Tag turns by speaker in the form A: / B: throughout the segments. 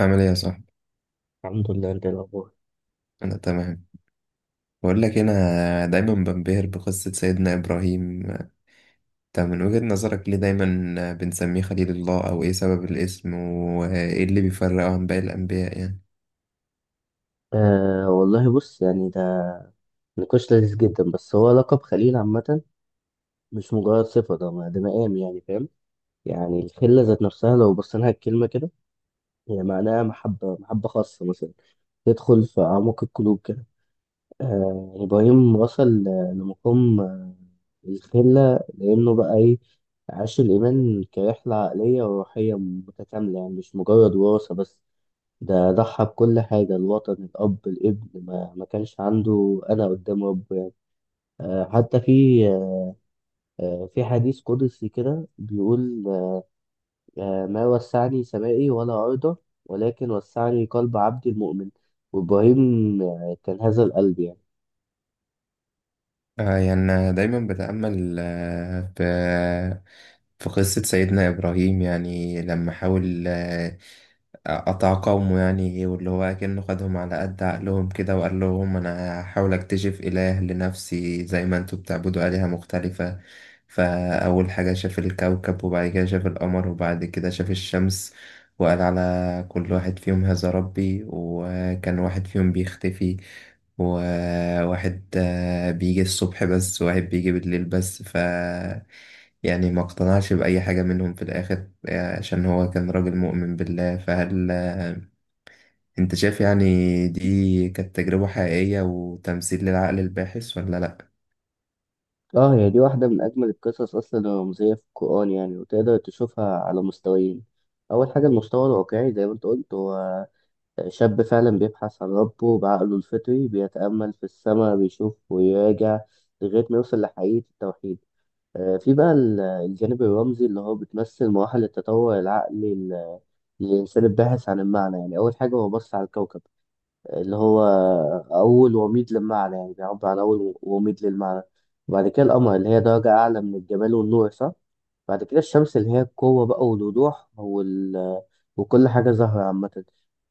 A: عامل ايه يا صاحبي؟
B: الحمد لله، انت ايه الاخبار؟
A: انا تمام. بقول لك انا دايما بنبهر بقصة سيدنا ابراهيم. انت من وجهة نظرك ليه دايما بنسميه خليل الله، او ايه سبب الاسم، وايه اللي بيفرقه عن باقي الانبياء يعني؟
B: والله بص، يعني ده نقاش لذيذ جدا، بس هو لقب خليل عامة، مش مجرد صفة. ده مقام، يعني فاهم. يعني الخلة ذات نفسها لو بصينا لها الكلمة كده، هي معناها محبة، محبة خاصة مثلا تدخل في أعماق القلوب كده. إبراهيم وصل لمقام الخلة، لأنه بقى إيه؟ عاش الإيمان كرحلة عقلية وروحية متكاملة، يعني مش مجرد وراثة بس. ده ضحى بكل حاجة، الوطن، الأب، الابن، ما كانش عنده أنا قدام رب يعني. آه، حتى في آه، في حديث قدسي كده بيقول ما وسعني سمائي ولا أرضه، ولكن وسعني قلب عبدي المؤمن. وإبراهيم كان هذا القلب يعني.
A: يعني أنا دايما بتأمل في قصة سيدنا إبراهيم. يعني لما حاول أتعاقموا، يعني واللي هو أكنه خدهم على قد عقلهم كده، وقال لهم أنا هحاول أكتشف إله لنفسي زي ما أنتوا بتعبدوا آلهة مختلفة. فأول حاجة شاف الكوكب، وبعد كده شاف القمر، وبعد كده شاف الشمس. وقال على كل واحد فيهم هذا ربي، وكان واحد فيهم بيختفي، وواحد بيجي الصبح بس، وواحد بيجي بالليل بس. يعني ما اقتنعش بأي حاجة منهم في الآخر، عشان هو كان راجل مؤمن بالله. فهل انت شايف يعني دي كانت تجربة حقيقية وتمثيل للعقل الباحث ولا لأ؟
B: اه، هي دي واحدة من أجمل القصص أصلا، الرمزية في القرآن، يعني وتقدر تشوفها على مستويين. أول حاجة المستوى الواقعي زي ما أنت قلت، هو شاب فعلا بيبحث عن ربه بعقله الفطري، بيتأمل في السماء، بيشوف ويراجع لغاية ما يوصل لحقيقة التوحيد. في بقى الجانب الرمزي اللي هو بتمثل مراحل التطور العقلي للإنسان الباحث عن المعنى، يعني أول حاجة هو بص على الكوكب اللي هو أول وميض للمعنى، يعني بيعبر عن أول وميض للمعنى. وبعد كده القمر اللي هي درجة أعلى من الجمال والنور، صح؟ بعد كده الشمس اللي هي القوة بقى والوضوح وال... وكل حاجة ظاهرة عامة.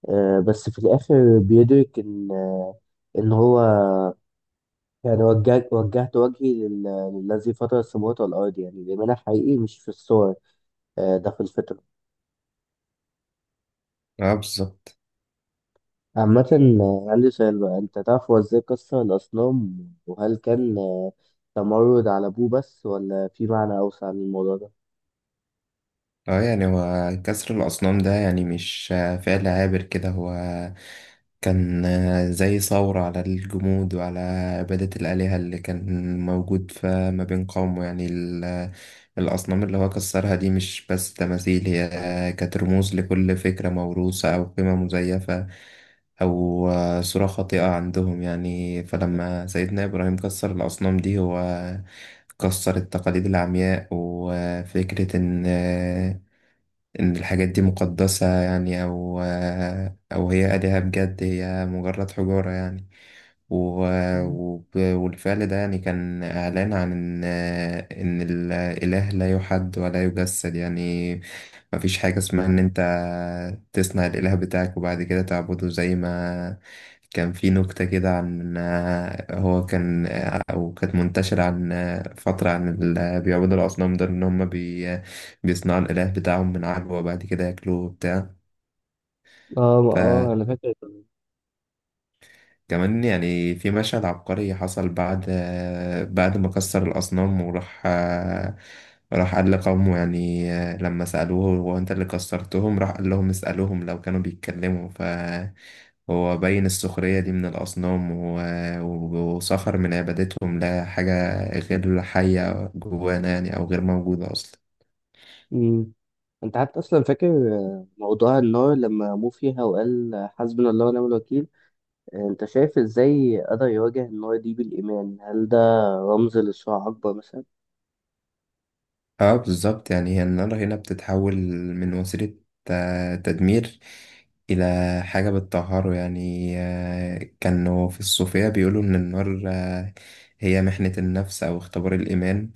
B: بس في الآخر بيدرك إن هو يعني وجهت وجهي للذي فطر السماوات والأرض، يعني الإيمان الحقيقي مش في الصور، ده في الفطرة
A: اه، بالظبط.
B: عامة. عندي سؤال بقى، أنت تعرف هو إزاي كسر الأصنام؟ وهل كان تمرد على أبوه بس، ولا في معنى أوسع للموضوع ده؟
A: اه، يعني هو كسر الأصنام ده يعني مش فعل عابر كده. هو كان زي ثورة على الجمود، وعلى عبادة الآلهة اللي كان موجود فما بين قومه. يعني الأصنام اللي هو كسرها دي مش بس تماثيل، هي كانت رموز لكل فكرة موروثة أو قيمة مزيفة، أو صورة خاطئة عندهم يعني. فلما سيدنا إبراهيم كسر الأصنام دي، هو كسر التقاليد العمياء، وفكرة إن الحاجات دي مقدسة يعني، أو هي آلهة بجد. هي مجرد حجارة يعني.
B: مم.
A: والفعل ده يعني كان إعلان عن إن الإله لا يحد ولا يجسد يعني. مفيش حاجة اسمها إن أنت تصنع الإله بتاعك وبعد كده تعبده، زي ما كان في نكتة كده عن هو كان أو كانت منتشرة عن فترة، عن اللي بيعبدوا الأصنام دول إن هم بيصنعوا الإله بتاعهم من عجوة وبعد كده ياكلوه وبتاع.
B: آه آه، أنا فاكر كمان.
A: فكمان يعني في مشهد عبقري حصل بعد ما كسر الأصنام، وراح راح قال لقومه. يعني لما سألوه هو أنت اللي كسرتهم، راح قال لهم اسألوهم لو كانوا بيتكلموا. فهو بين السخرية دي من الأصنام، وسخر من عبادتهم لحاجة غير حية جوانا يعني، أو غير موجودة أصلا.
B: مم. أنت حتى أصلا فاكر موضوع النار لما مو فيها وقال حسبنا الله ونعم الوكيل؟ انت شايف ازاي قدر يواجه النار دي بالايمان؟ هل ده رمز لصراع اكبر مثلا؟
A: اه، بالظبط. يعني هي النار هنا بتتحول من وسيلة تدمير إلى حاجة بتطهره يعني. كانوا في الصوفية بيقولوا إن النار هي محنة النفس أو اختبار الإيمان.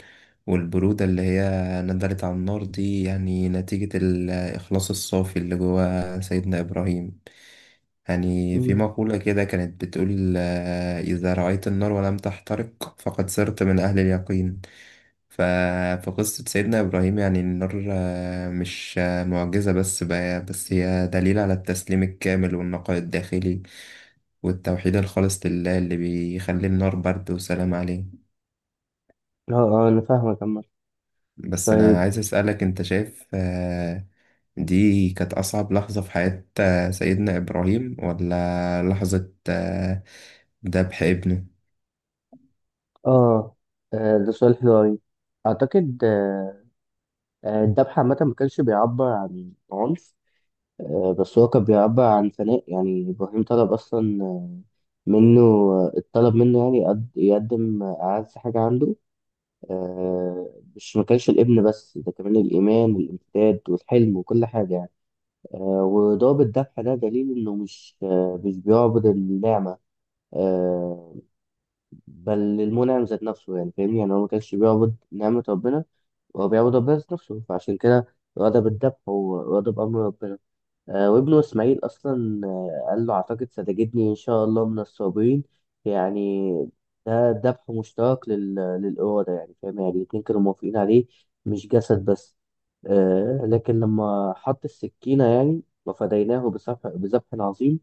A: والبرودة اللي هي نزلت على النار دي يعني نتيجة الإخلاص الصافي اللي جوا سيدنا إبراهيم. يعني في
B: مم.
A: مقولة كده كانت بتقول إذا رأيت النار ولم تحترق فقد صرت من أهل اليقين. ف... فقصة سيدنا إبراهيم يعني النار مش معجزة بس بقى، بس هي دليل على التسليم الكامل والنقاء الداخلي، والتوحيد الخالص لله اللي بيخلي النار برد وسلام عليه.
B: اه اه، انا فاهمك عمال.
A: بس أنا
B: طيب.
A: عايز أسألك، أنت شايف دي كانت أصعب لحظة في حياة سيدنا إبراهيم، ولا لحظة ذبح ابنه؟
B: اه، ده سؤال حلو. اعتقد الذبح عامه ما كانش بيعبر عن عنف، بس هو كان بيعبر عن فناء. يعني ابراهيم طلب اصلا منه، الطلب منه يعني يقدم اعز حاجه عنده. مش، ما كانش الابن بس، ده كمان الايمان والامتداد والحلم وكل حاجه يعني. وضابط الذبح ده دليل إنه مش بيعبد النعمة، آه، بل المنعم ذات نفسه، يعني فاهمني. يعني هو ما كانش بيعبد نعمة ربنا، هو بيعبد ربنا ذات نفسه، فعشان كده غضب الذبح هو غضب أمر ربنا. وابنه اسماعيل اصلا قال له اعتقد ستجدني ان شاء الله من الصابرين، يعني ده ذبح مشترك للاراده، يعني فاهم، يعني الاتنين كانوا موافقين عليه، مش جسد بس. لكن لما حط السكينه يعني، وفديناه بذبح عظيم.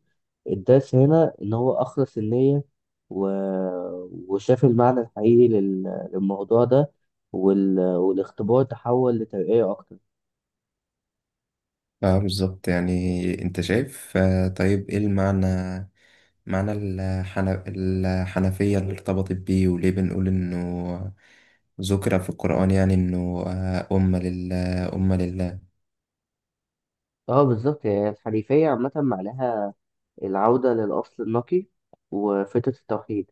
B: الدرس هنا ان هو اخلص النيه و... وشاف المعنى الحقيقي للموضوع ده، والاختبار تحول لترقيه اكتر.
A: اه، بالظبط. يعني انت شايف طيب ايه معنى الحنفية اللي ارتبطت بيه، وليه بنقول إنه ذكر في القرآن يعني إنه أمة لله أمة لله؟
B: اه بالظبط يعني. الحنيفية عامة معناها العودة للأصل النقي وفترة التوحيد،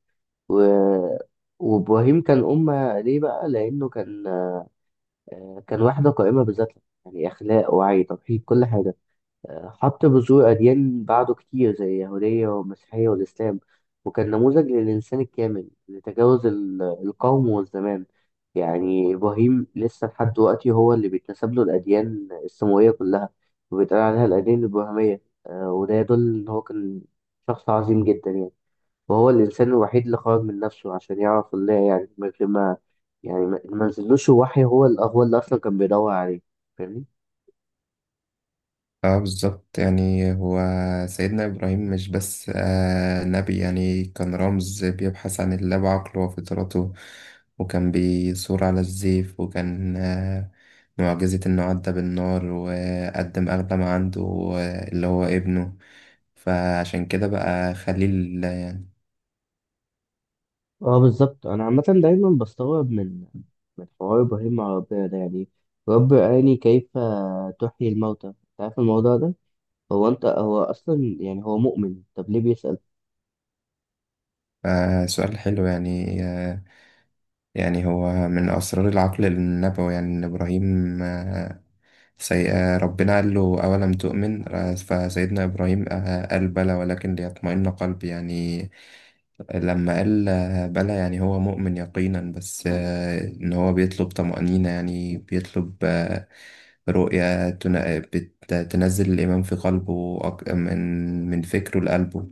B: و... وإبراهيم كان أمة. ليه بقى؟ لأنه كان كان واحدة قائمة بذاتها، يعني أخلاق، وعي، توحيد، كل حاجة. حط بذور أديان بعده كتير زي اليهودية والمسيحية والإسلام، وكان نموذج للإنسان الكامل لتجاوز القوم والزمان. يعني إبراهيم لسه لحد دلوقتي هو اللي بيتنسب له الأديان السماوية كلها، وبيتقال عليها الأديان الإبراهيمية. وده يدل إن هو كان شخص عظيم جدا يعني. وهو الإنسان الوحيد اللي خرج من نفسه عشان يعرف الله، يعني من غير ما، يعني ما نزلوش وحي، هو هو اللي أصلا كان بيدور عليه، فاهمني؟
A: اه، بالظبط. يعني هو سيدنا إبراهيم مش بس نبي. يعني كان رمز بيبحث عن الله بعقله وفطرته، وكان بيثور على الزيف، وكان معجزة إنه عدى بالنار وقدم أغلى ما عنده، اللي هو ابنه. فعشان كده بقى خليل.
B: اه بالظبط، انا عامه دايما بستغرب من حوار ابراهيم مع ربنا ده، يعني رب اراني كيف تحيي الموتى، انت عارف الموضوع ده. هو انت، هو اصلا يعني هو مؤمن، طب ليه بيسأل؟
A: سؤال حلو. يعني يعني هو من أسرار العقل النبوي، يعني إن إبراهيم آه سي... آه، ربنا قال له أولم تؤمن، فسيدنا إبراهيم قال بلى ولكن ليطمئن قلبي. يعني لما قال بلى، يعني هو مؤمن يقينا، بس إن هو بيطلب طمأنينة، يعني بيطلب رؤية تنزل الإيمان في قلبه، من فكره لقلبه.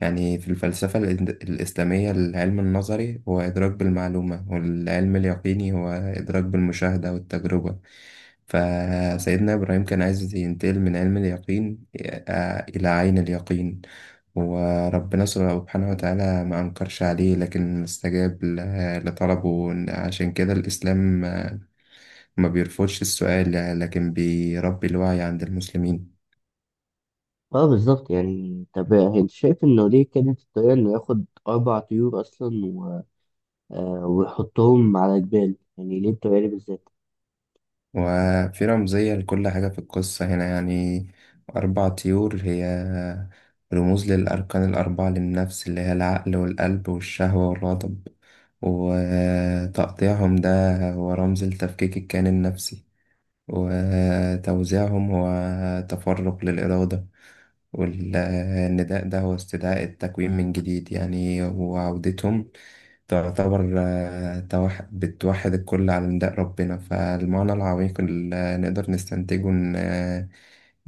A: يعني في الفلسفة الإسلامية، العلم النظري هو إدراك بالمعلومة، والعلم اليقيني هو إدراك بالمشاهدة والتجربة. فسيدنا إبراهيم كان عايز ينتقل من علم اليقين إلى عين اليقين. وربنا سبحانه وتعالى ما أنكرش عليه، لكن استجاب لطلبه. عشان كده الإسلام ما بيرفضش السؤال، لكن بيربي الوعي عند المسلمين.
B: اه بالظبط يعني. طب انت شايف انه ليه كانت الطريقه انه ياخد اربع طيور اصلا و... ويحطهم على جبال؟ يعني ليه الطريقه دي بالذات؟
A: وفي رمزية لكل حاجة في القصة هنا. يعني أربع طيور هي رموز للأركان الأربعة للنفس، اللي هي العقل والقلب والشهوة والغضب. وتقطيعهم ده هو رمز لتفكيك الكيان النفسي، وتوزيعهم هو تفرق للإرادة، والنداء ده هو استدعاء التكوين من جديد يعني. وعودتهم تعتبر بتوحد الكل على نداء ربنا. فالمعنى العميق اللي نقدر نستنتجه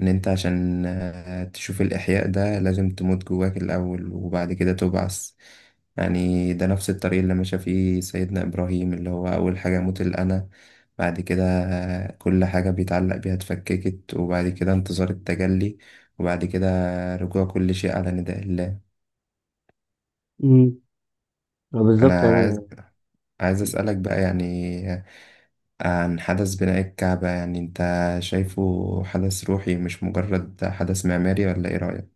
A: إن أنت عشان تشوف الإحياء ده لازم تموت جواك الأول، وبعد كده تبعث. يعني ده نفس الطريق اللي مشى فيه سيدنا إبراهيم، اللي هو أول حاجة موت الأنا، بعد كده كل حاجة بيتعلق بيها اتفككت، وبعد كده انتظار التجلي، وبعد كده رجوع كل شيء على نداء الله.
B: امم. اه بالظبط
A: أنا
B: يعني.
A: عايز أسألك بقى يعني عن حدث بناء الكعبة. يعني أنت شايفه حدث روحي مش مجرد حدث معماري، ولا إيه رأيك؟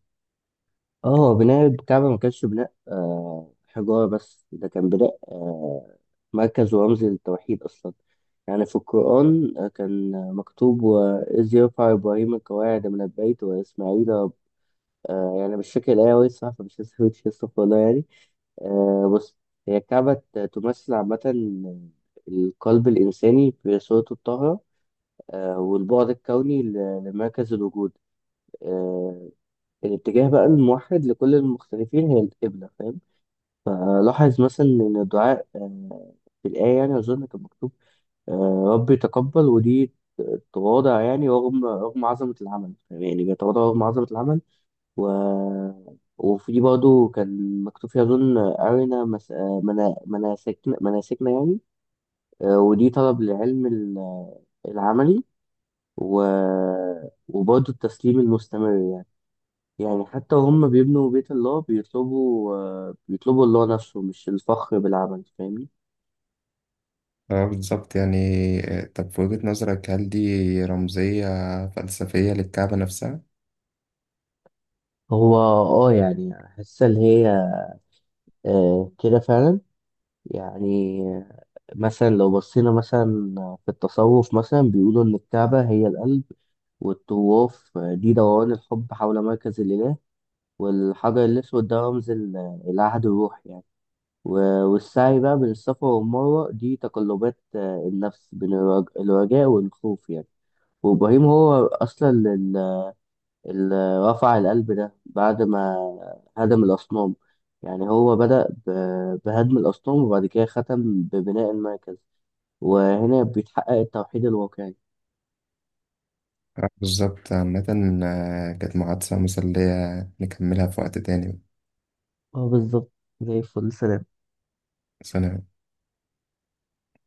B: اه، هو بناء الكعبة ما كانش بناء حجارة بس، ده كان بناء مركز ورمز للتوحيد أصلا. يعني في القرآن كان مكتوب: وإذ يرفع إبراهيم القواعد من البيت وإسماعيل رب-. يعني مش فاكر الآية أوي الصراحة، فمش هسويتش، استغفر الله يعني. بص، هي الكعبة تمثل عامة القلب الإنساني في صورته الطاهرة، والبعد الكوني لمركز الوجود. آه، الاتجاه بقى الموحد لكل المختلفين هي القبلة، فاهم. لاحظ مثلا إن الدعاء في الآية يعني أظن كان مكتوب ربي تقبل، ودي تواضع، يعني رغم عظمة العمل، يعني بيتواضع رغم عظمة العمل. و... وفي برضه كان مكتوب فيها أظن أرنا مس... آه، منا... مناسكنا مناسكنا يعني. ودي طلب للعلم العملي، و... وبرضه التسليم المستمر. يعني حتى هم بيبنوا بيت الله بيطلبوا الله نفسه، مش الفخر بالعمل، فاهمني.
A: اه، بالظبط. يعني طب في وجهة نظرك هل دي رمزية فلسفية للكعبة نفسها؟
B: هو اه يعني حاسة اللي هي كده فعلا. يعني مثلا لو بصينا مثلا في التصوف مثلا بيقولوا إن الكعبة هي القلب، والطواف دي دوران الحب حول مركز الإله، والحجر الأسود ده رمز العهد الروحي يعني. والسعي بقى بين الصفا والمروة دي تقلبات النفس بين الرجاء والخوف يعني. وابراهيم هو اصلا اللي رفع القلب ده بعد ما هدم الاصنام. يعني هو بدأ بهدم الاصنام، وبعد كده ختم ببناء المركز، وهنا بيتحقق التوحيد الواقعي.
A: اه، بالظبط. عامة كانت محادثة مسلية، نكملها في وقت تاني.
B: اه بالظبط. زي الفل. سلام.
A: سلام.